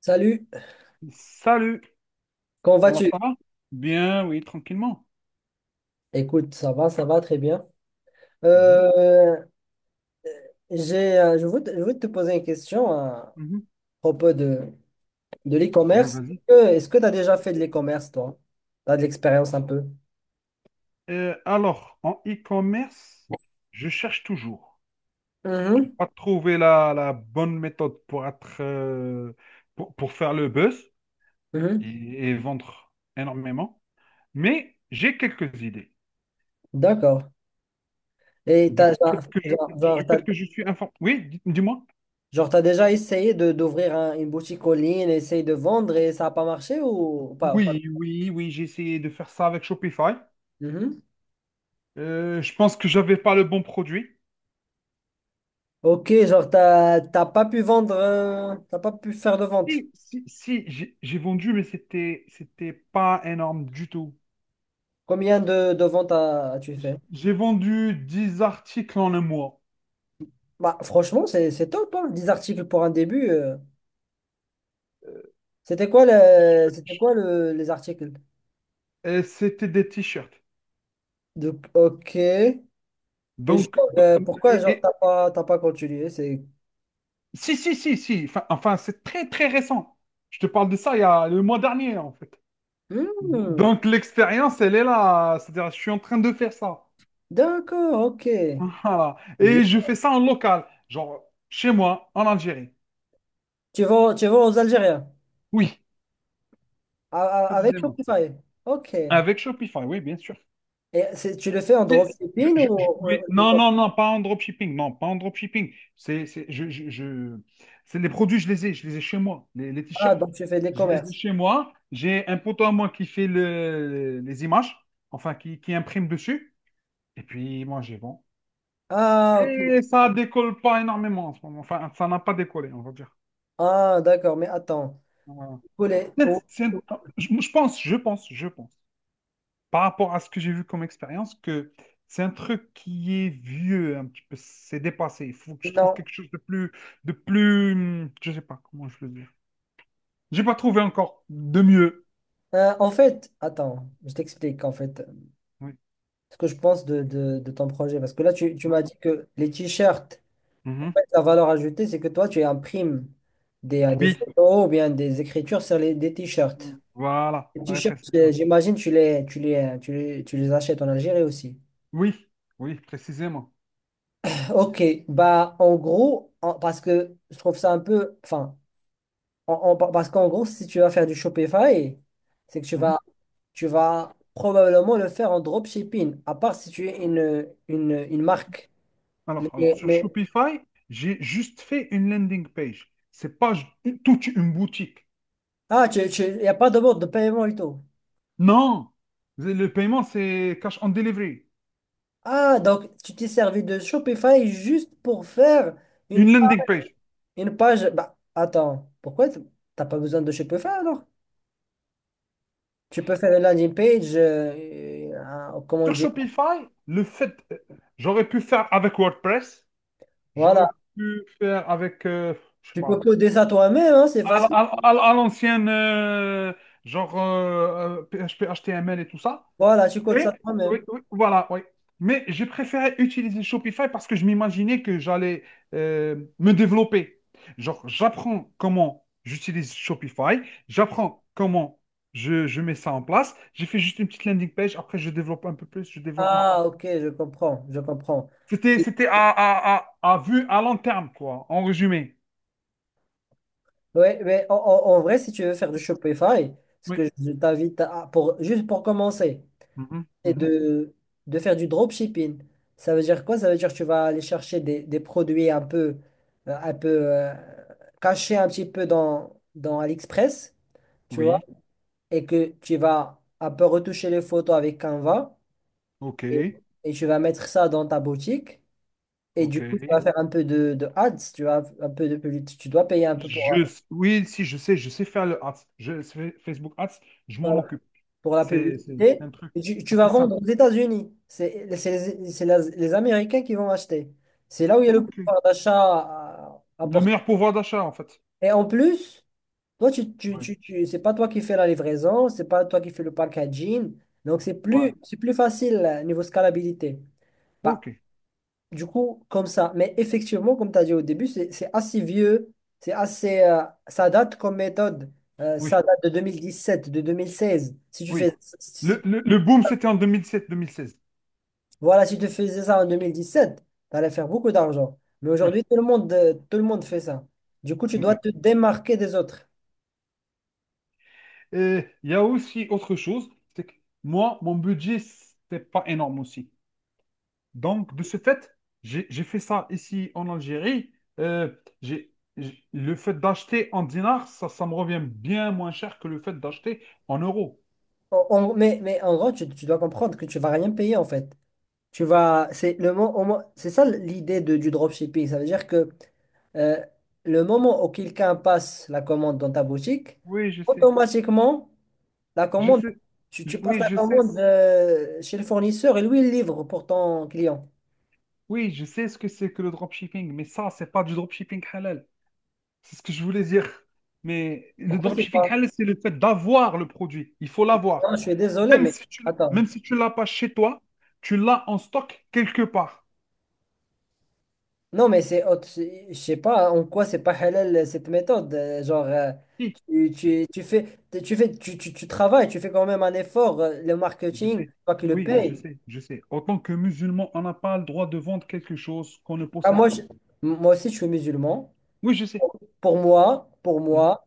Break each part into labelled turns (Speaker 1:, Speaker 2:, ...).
Speaker 1: Salut,
Speaker 2: Salut.
Speaker 1: comment
Speaker 2: Alors
Speaker 1: vas-tu?
Speaker 2: ça va? Bien, oui, tranquillement.
Speaker 1: Écoute, ça va très bien.
Speaker 2: Mhm,
Speaker 1: Euh, j'ai, je voulais te poser une question à
Speaker 2: mhm.
Speaker 1: propos de
Speaker 2: Oui,
Speaker 1: l'e-commerce.
Speaker 2: vas-y.
Speaker 1: Est-ce que tu as déjà fait de l'e-commerce, toi? Tu as de l'expérience un peu?
Speaker 2: Alors, en e-commerce, je cherche toujours. Je n'ai
Speaker 1: Mhm,
Speaker 2: pas trouvé la bonne méthode pour être, pour faire le buzz
Speaker 1: mhm.
Speaker 2: et, et vendre énormément. Mais j'ai quelques idées.
Speaker 1: D'accord. Et
Speaker 2: Du
Speaker 1: t'as, genre,
Speaker 2: fait que je,
Speaker 1: genre,
Speaker 2: du fait que je suis informé. Oui, dis-moi.
Speaker 1: genre, t'as déjà essayé d'ouvrir une boutique en ligne, essayer de vendre et ça n'a pas marché ou pas.
Speaker 2: Oui, j'ai essayé de faire ça avec Shopify.
Speaker 1: Mhm.
Speaker 2: Je pense que j'avais pas le bon produit.
Speaker 1: Ok, genre, t'as pas pu vendre, t'as pas pu faire de vente.
Speaker 2: Si, j'ai vendu, mais c'était pas énorme du tout.
Speaker 1: Combien de ventes as-tu fait?
Speaker 2: J'ai vendu 10 articles en un mois.
Speaker 1: Bah, franchement, c'est top, hein, 10 articles pour un début.
Speaker 2: Euh,
Speaker 1: C'était quoi, le, c'était
Speaker 2: je-
Speaker 1: quoi le- les articles?
Speaker 2: et c'était des t-shirts.
Speaker 1: Ok. Et
Speaker 2: Donc,
Speaker 1: genre,
Speaker 2: donc-
Speaker 1: pourquoi
Speaker 2: et-
Speaker 1: genre
Speaker 2: et-
Speaker 1: t'as pas continué? C'est.
Speaker 2: si Enfin, c'est très récent. Je te parle de ça il y a le mois dernier, en fait.
Speaker 1: Hmm,
Speaker 2: Donc, l'expérience, elle est là. C'est-à-dire, je suis en train de faire ça.
Speaker 1: d'accord, ok.
Speaker 2: Voilà.
Speaker 1: Bien.
Speaker 2: Et je fais ça en local, genre chez moi, en Algérie.
Speaker 1: Tu vas aux Algériens
Speaker 2: Oui,
Speaker 1: a- avec
Speaker 2: précisément.
Speaker 1: Shopify. Ok. Et
Speaker 2: Avec Shopify, oui, bien sûr.
Speaker 1: tu le fais en dropshipping ou, ou-
Speaker 2: Oui.
Speaker 1: ou
Speaker 2: Non,
Speaker 1: e-commerce.
Speaker 2: non, non, pas en dropshipping. Non, pas en dropshipping. C'est les produits, je les ai chez moi. Les
Speaker 1: Ah,
Speaker 2: t-shirts,
Speaker 1: donc tu fais des
Speaker 2: je les ai
Speaker 1: commerces.
Speaker 2: chez moi. J'ai un poteau à moi qui fait les images, enfin, qui imprime dessus. Et puis, moi, j'ai bon.
Speaker 1: Ah, ok.
Speaker 2: Mais ça décolle pas énormément en ce moment. Enfin, ça n'a pas décollé, on va dire.
Speaker 1: Ah, d'accord, mais attends.
Speaker 2: Voilà.
Speaker 1: Pour les-
Speaker 2: peut c'est-
Speaker 1: ou-
Speaker 2: je pense. Par rapport à ce que j'ai vu comme expérience, que c'est un truc qui est vieux, un petit peu, c'est dépassé. Il faut que je trouve
Speaker 1: Non.
Speaker 2: quelque chose de plus, je sais pas comment je le dis. J'ai pas trouvé encore de mieux.
Speaker 1: En fait, attends, je t'explique en fait,
Speaker 2: Oui.
Speaker 1: ce que je pense de ton projet. Parce que là, tu m'as
Speaker 2: Hum,
Speaker 1: dit que les t-shirts, en
Speaker 2: mhm.
Speaker 1: fait, la valeur ajoutée, c'est que toi, tu imprimes des
Speaker 2: Oui.
Speaker 1: photos ou bien des écritures sur des t-shirts.
Speaker 2: Voilà,
Speaker 1: Les
Speaker 2: Ouais,
Speaker 1: t-shirts,
Speaker 2: précisément.
Speaker 1: j'imagine, tu les achètes en Algérie aussi.
Speaker 2: Oui, oui, précisément.
Speaker 1: Ok, bah en gros, parce que je trouve ça un peu, enfin, parce qu'en gros, si tu vas faire du Shopify, c'est que tu
Speaker 2: Mhm.
Speaker 1: vas, tu vas probablement le faire en dropshipping, à part si tu es une marque.
Speaker 2: Alors,
Speaker 1: Mais,
Speaker 2: sur
Speaker 1: mais
Speaker 2: Shopify, j'ai juste fait une landing page. C'est pas j- Toute une boutique.
Speaker 1: Ah, y a pas de mode de paiement et tout.
Speaker 2: Non, le paiement, c'est cash on delivery.
Speaker 1: Ah, donc tu t'es servi de Shopify juste pour faire
Speaker 2: Une
Speaker 1: une, pa-
Speaker 2: landing page.
Speaker 1: une page. Bah, attends, pourquoi t'as pas besoin de Shopify alors? Tu peux faire une landing page, comment
Speaker 2: Sur
Speaker 1: dire?
Speaker 2: Shopify, le fait, j'aurais pu faire avec WordPress, j'aurais
Speaker 1: Voilà,
Speaker 2: pu faire avec, je sais
Speaker 1: tu peux
Speaker 2: pas,
Speaker 1: coder ça toi-même, hein, c'est facile.
Speaker 2: à l'ancienne, genre PHP, HTML et tout ça.
Speaker 1: Voilà, tu
Speaker 2: Et
Speaker 1: codes ça
Speaker 2: oui,
Speaker 1: toi-même.
Speaker 2: oui, voilà, oui. Mais j'ai préféré utiliser Shopify parce que je m'imaginais que j'allais me développer. Genre, j'apprends comment j'utilise Shopify, j'apprends comment je mets ça en place. J'ai fait juste une petite landing page, après je développe un peu plus, je développe un peu.
Speaker 1: Ah, ok, je comprends, je comprends.
Speaker 2: C'était à vue à long terme, quoi, en résumé.
Speaker 1: Ouais, mais en vrai, si tu veux faire du Shopify, ce
Speaker 2: Oui.
Speaker 1: que je t'invite à, juste pour commencer,
Speaker 2: Mhm,
Speaker 1: c'est
Speaker 2: mhm.
Speaker 1: de faire du dropshipping. Ça veut dire quoi? Ça veut dire que tu vas aller chercher des produits un peu cachés un petit peu dans AliExpress, tu vois,
Speaker 2: Oui.
Speaker 1: et que tu vas un peu retoucher les photos avec Canva et,
Speaker 2: OK.
Speaker 1: et tu vas mettre ça dans ta boutique. Et du
Speaker 2: OK.
Speaker 1: coup, tu vas faire un peu de ads, tu vois, un peu de publicité. Tu dois payer un peu
Speaker 2: Je, oui, si, je sais faire le ads. Facebook ads, je
Speaker 1: euh,
Speaker 2: m'en occupe.
Speaker 1: pour la
Speaker 2: C'est
Speaker 1: publicité.
Speaker 2: un truc
Speaker 1: Et tu vas
Speaker 2: assez simple.
Speaker 1: vendre aux États-Unis. C'est les Américains qui vont acheter. C'est là où il y a le
Speaker 2: OK.
Speaker 1: pouvoir d'achat
Speaker 2: Le
Speaker 1: important.
Speaker 2: meilleur pouvoir d'achat, en fait.
Speaker 1: Et en plus, toi, tu, tu,
Speaker 2: Ouais.
Speaker 1: tu, tu- c'est pas toi qui fais la livraison, c'est pas toi qui fais le packaging. Donc, c'est
Speaker 2: Ouais.
Speaker 1: plus, c'est plus facile niveau scalabilité. Bah,
Speaker 2: OK.
Speaker 1: du coup, comme ça. Mais effectivement, comme tu as dit au début, c'est assez vieux. Ça date comme méthode. Ça
Speaker 2: Oui.
Speaker 1: date de 2017, de 2016. Si tu
Speaker 2: Oui.
Speaker 1: fais,
Speaker 2: Le,
Speaker 1: si
Speaker 2: le, le boom, c'était en 2007 2016.
Speaker 1: Voilà, si tu faisais ça en 2017, tu allais faire beaucoup d'argent. Mais
Speaker 2: Oui.
Speaker 1: aujourd'hui, tout le monde fait ça. Du coup, tu dois
Speaker 2: Oui.
Speaker 1: te démarquer des autres.
Speaker 2: Et il y a aussi autre chose, c'est que moi, mon budget, c'est pas énorme aussi. Donc, de ce fait, j'ai fait ça ici en Algérie. Euh, le fait d'acheter en dinars, ça me revient bien moins cher que le fait d'acheter en euros.
Speaker 1: Mais en gros, tu dois comprendre que tu vas rien payer en fait. Tu vas, c'est le mo- au moins- c'est ça l'idée du dropshipping. Ça veut dire que euh, le moment où quelqu'un passe la commande dans ta boutique,
Speaker 2: Oui, je sais.
Speaker 1: automatiquement, la
Speaker 2: Je
Speaker 1: commande,
Speaker 2: sais,
Speaker 1: tu, tu passes
Speaker 2: oui,
Speaker 1: la commande chez le fournisseur et lui, il livre pour ton client.
Speaker 2: oui, je sais ce que c'est que le dropshipping, mais ça, c'est pas du dropshipping halal. C'est ce que je voulais dire. Mais le
Speaker 1: Pourquoi c'est
Speaker 2: dropshipping
Speaker 1: pas?
Speaker 2: halal, c'est le fait d'avoir le produit. Il faut l'avoir.
Speaker 1: Non, je suis désolé,
Speaker 2: Même
Speaker 1: mais
Speaker 2: si tu,
Speaker 1: attends.
Speaker 2: même si tu l'as pas chez toi, tu l'as en stock quelque part.
Speaker 1: Non, mais c'est autre. Je sais pas en quoi c'est pas halal cette méthode. Genre,
Speaker 2: Si.
Speaker 1: tu,
Speaker 2: Si.
Speaker 1: tu, tu fais, tu fais, tu travailles, tu fais quand même un effort. Le
Speaker 2: Je
Speaker 1: marketing,
Speaker 2: sais.
Speaker 1: c'est toi qui le
Speaker 2: Oui, je
Speaker 1: paye.
Speaker 2: sais, je sais. En tant que musulman, on n'a pas le droit de vendre quelque chose qu'on ne
Speaker 1: Ah,
Speaker 2: possède pas.
Speaker 1: moi aussi, je suis musulman.
Speaker 2: Oui, je sais.
Speaker 1: Pour
Speaker 2: Mhm.
Speaker 1: moi,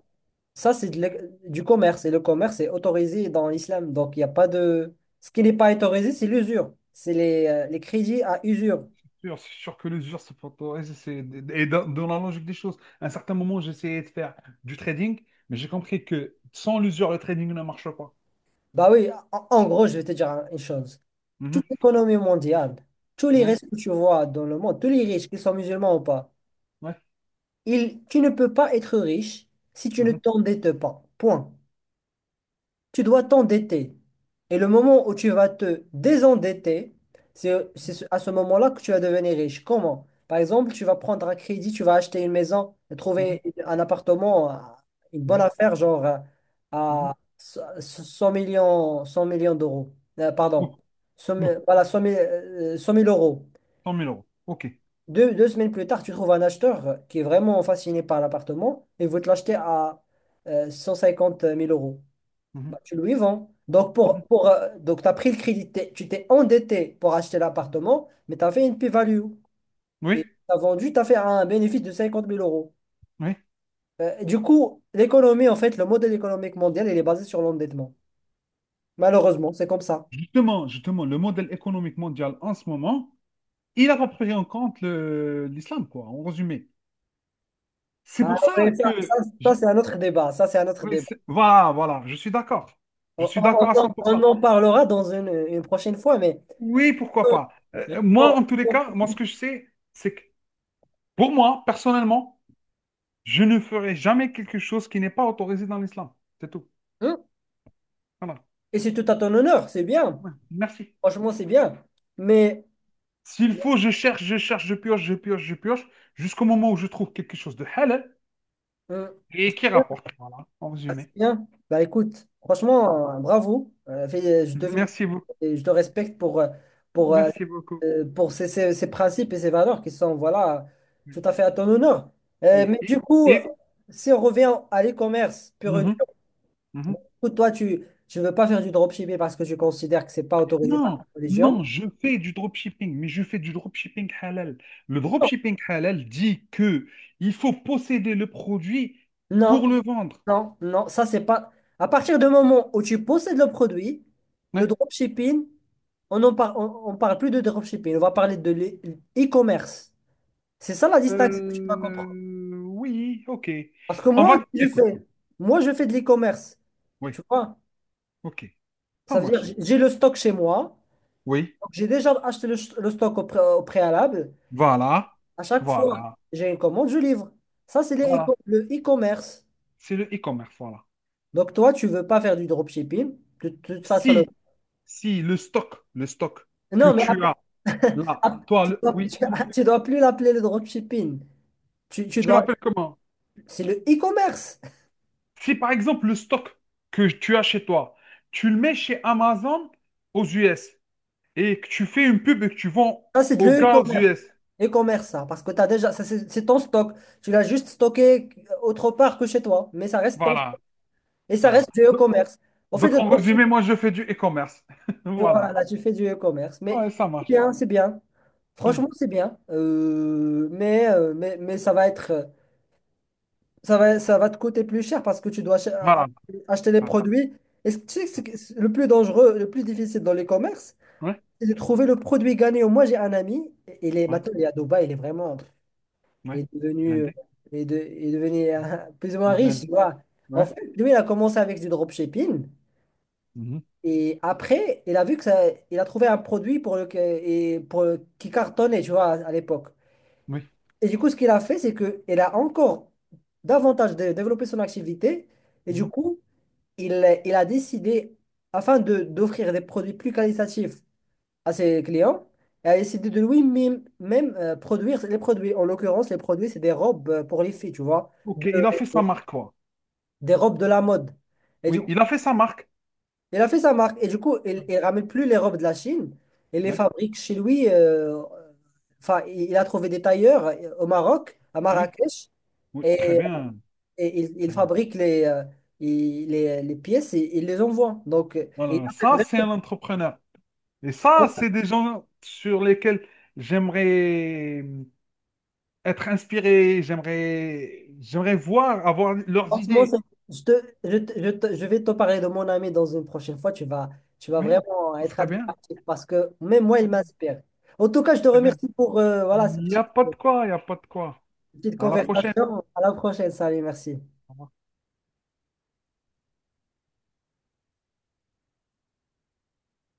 Speaker 1: ça, c'est du commerce. Et le commerce est autorisé dans l'islam. Donc, il n'y a pas de. Ce qui n'est pas autorisé, c'est l'usure. C'est les crédits à usure.
Speaker 2: C'est sûr que l'usure, c'est pas toi. Et dans la logique des choses, à un certain moment, j'essayais de faire du trading, mais j'ai compris que sans l'usure, le trading ne marche pas.
Speaker 1: Bah oui, en gros, je vais te dire une chose.
Speaker 2: Mhm.
Speaker 1: Toute l'économie mondiale, tous les
Speaker 2: Ouais,
Speaker 1: restes que tu vois dans le monde, tous les riches, qu'ils soient musulmans ou pas,
Speaker 2: ouais.
Speaker 1: tu ne peux pas être riche si tu ne
Speaker 2: Mhm.
Speaker 1: t'endettes pas. Point. Tu dois t'endetter. Et le moment où tu vas te désendetter, à ce moment-là que tu vas devenir riche. Comment? Par exemple, tu vas prendre un crédit, tu vas acheter une maison,
Speaker 2: Mhm.
Speaker 1: trouver un appartement, une bonne
Speaker 2: Mhm.
Speaker 1: affaire, genre
Speaker 2: Mhm.
Speaker 1: à 100 millions, 100 millions d'euros. Pardon.
Speaker 2: Ouh,
Speaker 1: 100
Speaker 2: bon,
Speaker 1: 000 voilà, 100 000 100 000 euros.
Speaker 2: 100 000 euros. OK.
Speaker 1: Deux semaines plus tard, tu trouves un acheteur qui est vraiment fasciné par l'appartement et veut te l'acheter à 150 000 euros. Bah,
Speaker 2: Mhm.
Speaker 1: tu lui vends. Donc,
Speaker 2: Mhm.
Speaker 1: pour, pour, euh, donc tu as pris le crédit, tu t'es endetté pour acheter
Speaker 2: Mhm.
Speaker 1: l'appartement, mais tu as fait une plus-value. Et
Speaker 2: Oui,
Speaker 1: tu as vendu, tu as fait un bénéfice de 50 000 euros.
Speaker 2: oui.
Speaker 1: Et du coup, l'économie, en fait, le modèle économique mondial, il est basé sur l'endettement. Malheureusement, c'est comme ça.
Speaker 2: Justement, le modèle économique mondial en ce moment, il n'a pas pris en compte l'islam, quoi, en résumé. C'est
Speaker 1: Ah,
Speaker 2: pour
Speaker 1: ouais,
Speaker 2: ça
Speaker 1: ça,
Speaker 2: que...
Speaker 1: ça, ça, c'est un autre débat. Ça, c'est un autre
Speaker 2: oui,
Speaker 1: débat.
Speaker 2: voilà, je suis d'accord. Je
Speaker 1: On,
Speaker 2: suis
Speaker 1: on-
Speaker 2: d'accord à
Speaker 1: on en
Speaker 2: cent pour
Speaker 1: on
Speaker 2: cent.
Speaker 1: en parlera dans une prochaine fois, mais...
Speaker 2: Oui, pourquoi pas. Moi,
Speaker 1: bon.
Speaker 2: en tous les cas, moi, ce que je sais, c'est que pour moi, personnellement, je ne ferai jamais quelque chose qui n'est pas autorisé dans l'islam. C'est tout.
Speaker 1: Hein.
Speaker 2: Voilà.
Speaker 1: Et c'est tout à ton honneur, c'est bien.
Speaker 2: Ouais, merci.
Speaker 1: Franchement, c'est bien. Mais
Speaker 2: S'il faut, je cherche, je pioche, jusqu'au moment où je trouve quelque chose de halal
Speaker 1: hein,
Speaker 2: et
Speaker 1: c'est
Speaker 2: qui
Speaker 1: bien,
Speaker 2: rapporte. Voilà, en
Speaker 1: c'est
Speaker 2: résumé.
Speaker 1: bien. Bah écoute, franchement, bravo. Je te félicite
Speaker 2: Merci beaucoup.
Speaker 1: et je te respecte pour, euh,
Speaker 2: Merci beaucoup.
Speaker 1: pour ces principes et ces valeurs qui sont, voilà,
Speaker 2: Oui.
Speaker 1: tout à fait à ton honneur.
Speaker 2: Oui.
Speaker 1: Mais du coup,
Speaker 2: Et-
Speaker 1: si on revient à l'e-commerce pur et
Speaker 2: Mhm,
Speaker 1: dur,
Speaker 2: mhm.
Speaker 1: bon, du toi, tu ne veux pas faire du dropshipping parce que tu considères que c'est pas autorisé par
Speaker 2: Non,
Speaker 1: la
Speaker 2: non,
Speaker 1: religion.
Speaker 2: je fais du dropshipping, mais je fais du dropshipping halal. Le dropshipping halal dit que il faut posséder le produit
Speaker 1: Non,
Speaker 2: pour le vendre.
Speaker 1: non, non, ça c'est pas. À partir du moment où tu possèdes le produit, le
Speaker 2: Ouais.
Speaker 1: dropshipping, on ne parle, on parle plus de dropshipping, on va parler de l'e-commerce. C'est ça la distinction que tu dois comprendre.
Speaker 2: Oui, ok.
Speaker 1: Parce que
Speaker 2: On
Speaker 1: moi,
Speaker 2: va,
Speaker 1: si je
Speaker 2: écoute,
Speaker 1: fais, moi, je fais de l'e-commerce.
Speaker 2: oui,
Speaker 1: Tu vois?
Speaker 2: ok, ça
Speaker 1: Ça veut dire,
Speaker 2: marche.
Speaker 1: j'ai le stock chez moi.
Speaker 2: Oui,
Speaker 1: Donc, j'ai déjà acheté le stock au préalable.
Speaker 2: voilà,
Speaker 1: À chaque fois,
Speaker 2: voilà,
Speaker 1: j'ai une commande, je livre. Ça, c'est les
Speaker 2: voilà.
Speaker 1: éco- le e-commerce.
Speaker 2: C'est le e-commerce, voilà.
Speaker 1: Donc, toi, tu veux pas faire du dropshipping. De toute façon,
Speaker 2: Si, si le stock, le stock que
Speaker 1: non,
Speaker 2: tu as là,
Speaker 1: Ah,
Speaker 2: oui,
Speaker 1: tu dois plus l'appeler le dropshipping. Tu, tu
Speaker 2: tu
Speaker 1: dois,
Speaker 2: l'appelles comment?
Speaker 1: c'est le e-commerce.
Speaker 2: Si par exemple le stock que tu as chez toi, tu le mets chez Amazon aux US et que tu fais une pub et que tu vends
Speaker 1: Ça, c'est de
Speaker 2: aux
Speaker 1: le
Speaker 2: gars aux
Speaker 1: e-commerce.
Speaker 2: US.
Speaker 1: E-commerce, ça. Parce que t'as déjà, ça, c'est ton stock. Tu l'as juste stocké autre part que chez toi. Mais ça reste ton stock.
Speaker 2: Voilà,
Speaker 1: Et ça
Speaker 2: voilà.
Speaker 1: reste du e-commerce. On fait,
Speaker 2: Donc
Speaker 1: le
Speaker 2: en résumé,
Speaker 1: dropshipping.
Speaker 2: moi je fais du e-commerce. Voilà.
Speaker 1: Voilà, tu fais du e-commerce. Mais
Speaker 2: Ouais, ça
Speaker 1: c'est
Speaker 2: marche.
Speaker 1: bien, c'est bien.
Speaker 2: Hmm.
Speaker 1: Franchement, c'est bien. Mais ça va être, ça va te coûter plus cher parce que tu dois ach-
Speaker 2: Voilà,
Speaker 1: acheter les
Speaker 2: voilà.
Speaker 1: produits. Et tu sais que c'est le plus dangereux, le plus difficile dans l'e-commerce,
Speaker 2: Ouais,
Speaker 1: c'est de trouver le produit gagnant. Moi, j'ai un ami,
Speaker 2: ouais,
Speaker 1: il est à Dubaï, il est vraiment, il
Speaker 2: ouais.
Speaker 1: est devenu,
Speaker 2: Blindé.
Speaker 1: il est devenu
Speaker 2: Mhm.
Speaker 1: plus ou moins riche, tu
Speaker 2: Blindé.
Speaker 1: vois. En
Speaker 2: Ouais.
Speaker 1: fait, lui, il a commencé avec du dropshipping
Speaker 2: Mhm.
Speaker 1: et après, il a vu que ça, il a trouvé un produit pour le, et pour le- qui cartonnait, tu vois, à l'époque.
Speaker 2: Oui.
Speaker 1: Et du coup, ce qu'il a fait, c'est que il a encore davantage développé son activité et du
Speaker 2: Mhm.
Speaker 1: coup, il a décidé, afin de d'offrir des produits plus qualitatifs à ses clients et a décidé de lui-même même, produire les produits. En l'occurrence, les produits, c'est des robes pour les filles, tu vois,
Speaker 2: Ok,
Speaker 1: de-
Speaker 2: il a fait sa marque, quoi.
Speaker 1: des robes de la mode. Et du
Speaker 2: Oui,
Speaker 1: coup,
Speaker 2: il a fait sa marque.
Speaker 1: il a fait sa marque. Et du coup, il ne ramène plus les robes de la Chine. Il les
Speaker 2: Ouais.
Speaker 1: fabrique chez lui. Enfin, il a trouvé des tailleurs au Maroc, à
Speaker 2: Oui,
Speaker 1: Marrakech,
Speaker 2: oui, très
Speaker 1: et,
Speaker 2: bien.
Speaker 1: et il
Speaker 2: Très bien.
Speaker 1: fabrique les pièces et il les envoie. Donc, et il
Speaker 2: Voilà,
Speaker 1: a fait
Speaker 2: ça c'est
Speaker 1: vraiment...
Speaker 2: un entrepreneur. Et ça, c'est des gens sur lesquels j'aimerais être inspiré, j'aimerais voir, avoir leurs
Speaker 1: Franchement,
Speaker 2: idées.
Speaker 1: je, te, je vais te parler de mon ami dans une prochaine fois. Tu vas
Speaker 2: Oui,
Speaker 1: vraiment
Speaker 2: ce
Speaker 1: être
Speaker 2: serait bien,
Speaker 1: admiratif parce que même moi,
Speaker 2: très
Speaker 1: il
Speaker 2: bien,
Speaker 1: m'inspire. En tout cas, je te
Speaker 2: très bien.
Speaker 1: remercie pour voilà,
Speaker 2: Il n'y a pas de
Speaker 1: cette
Speaker 2: quoi, il n'y a pas de quoi.
Speaker 1: petite
Speaker 2: À la prochaine.
Speaker 1: conversation. À la prochaine. Salut, merci.
Speaker 2: Au revoir.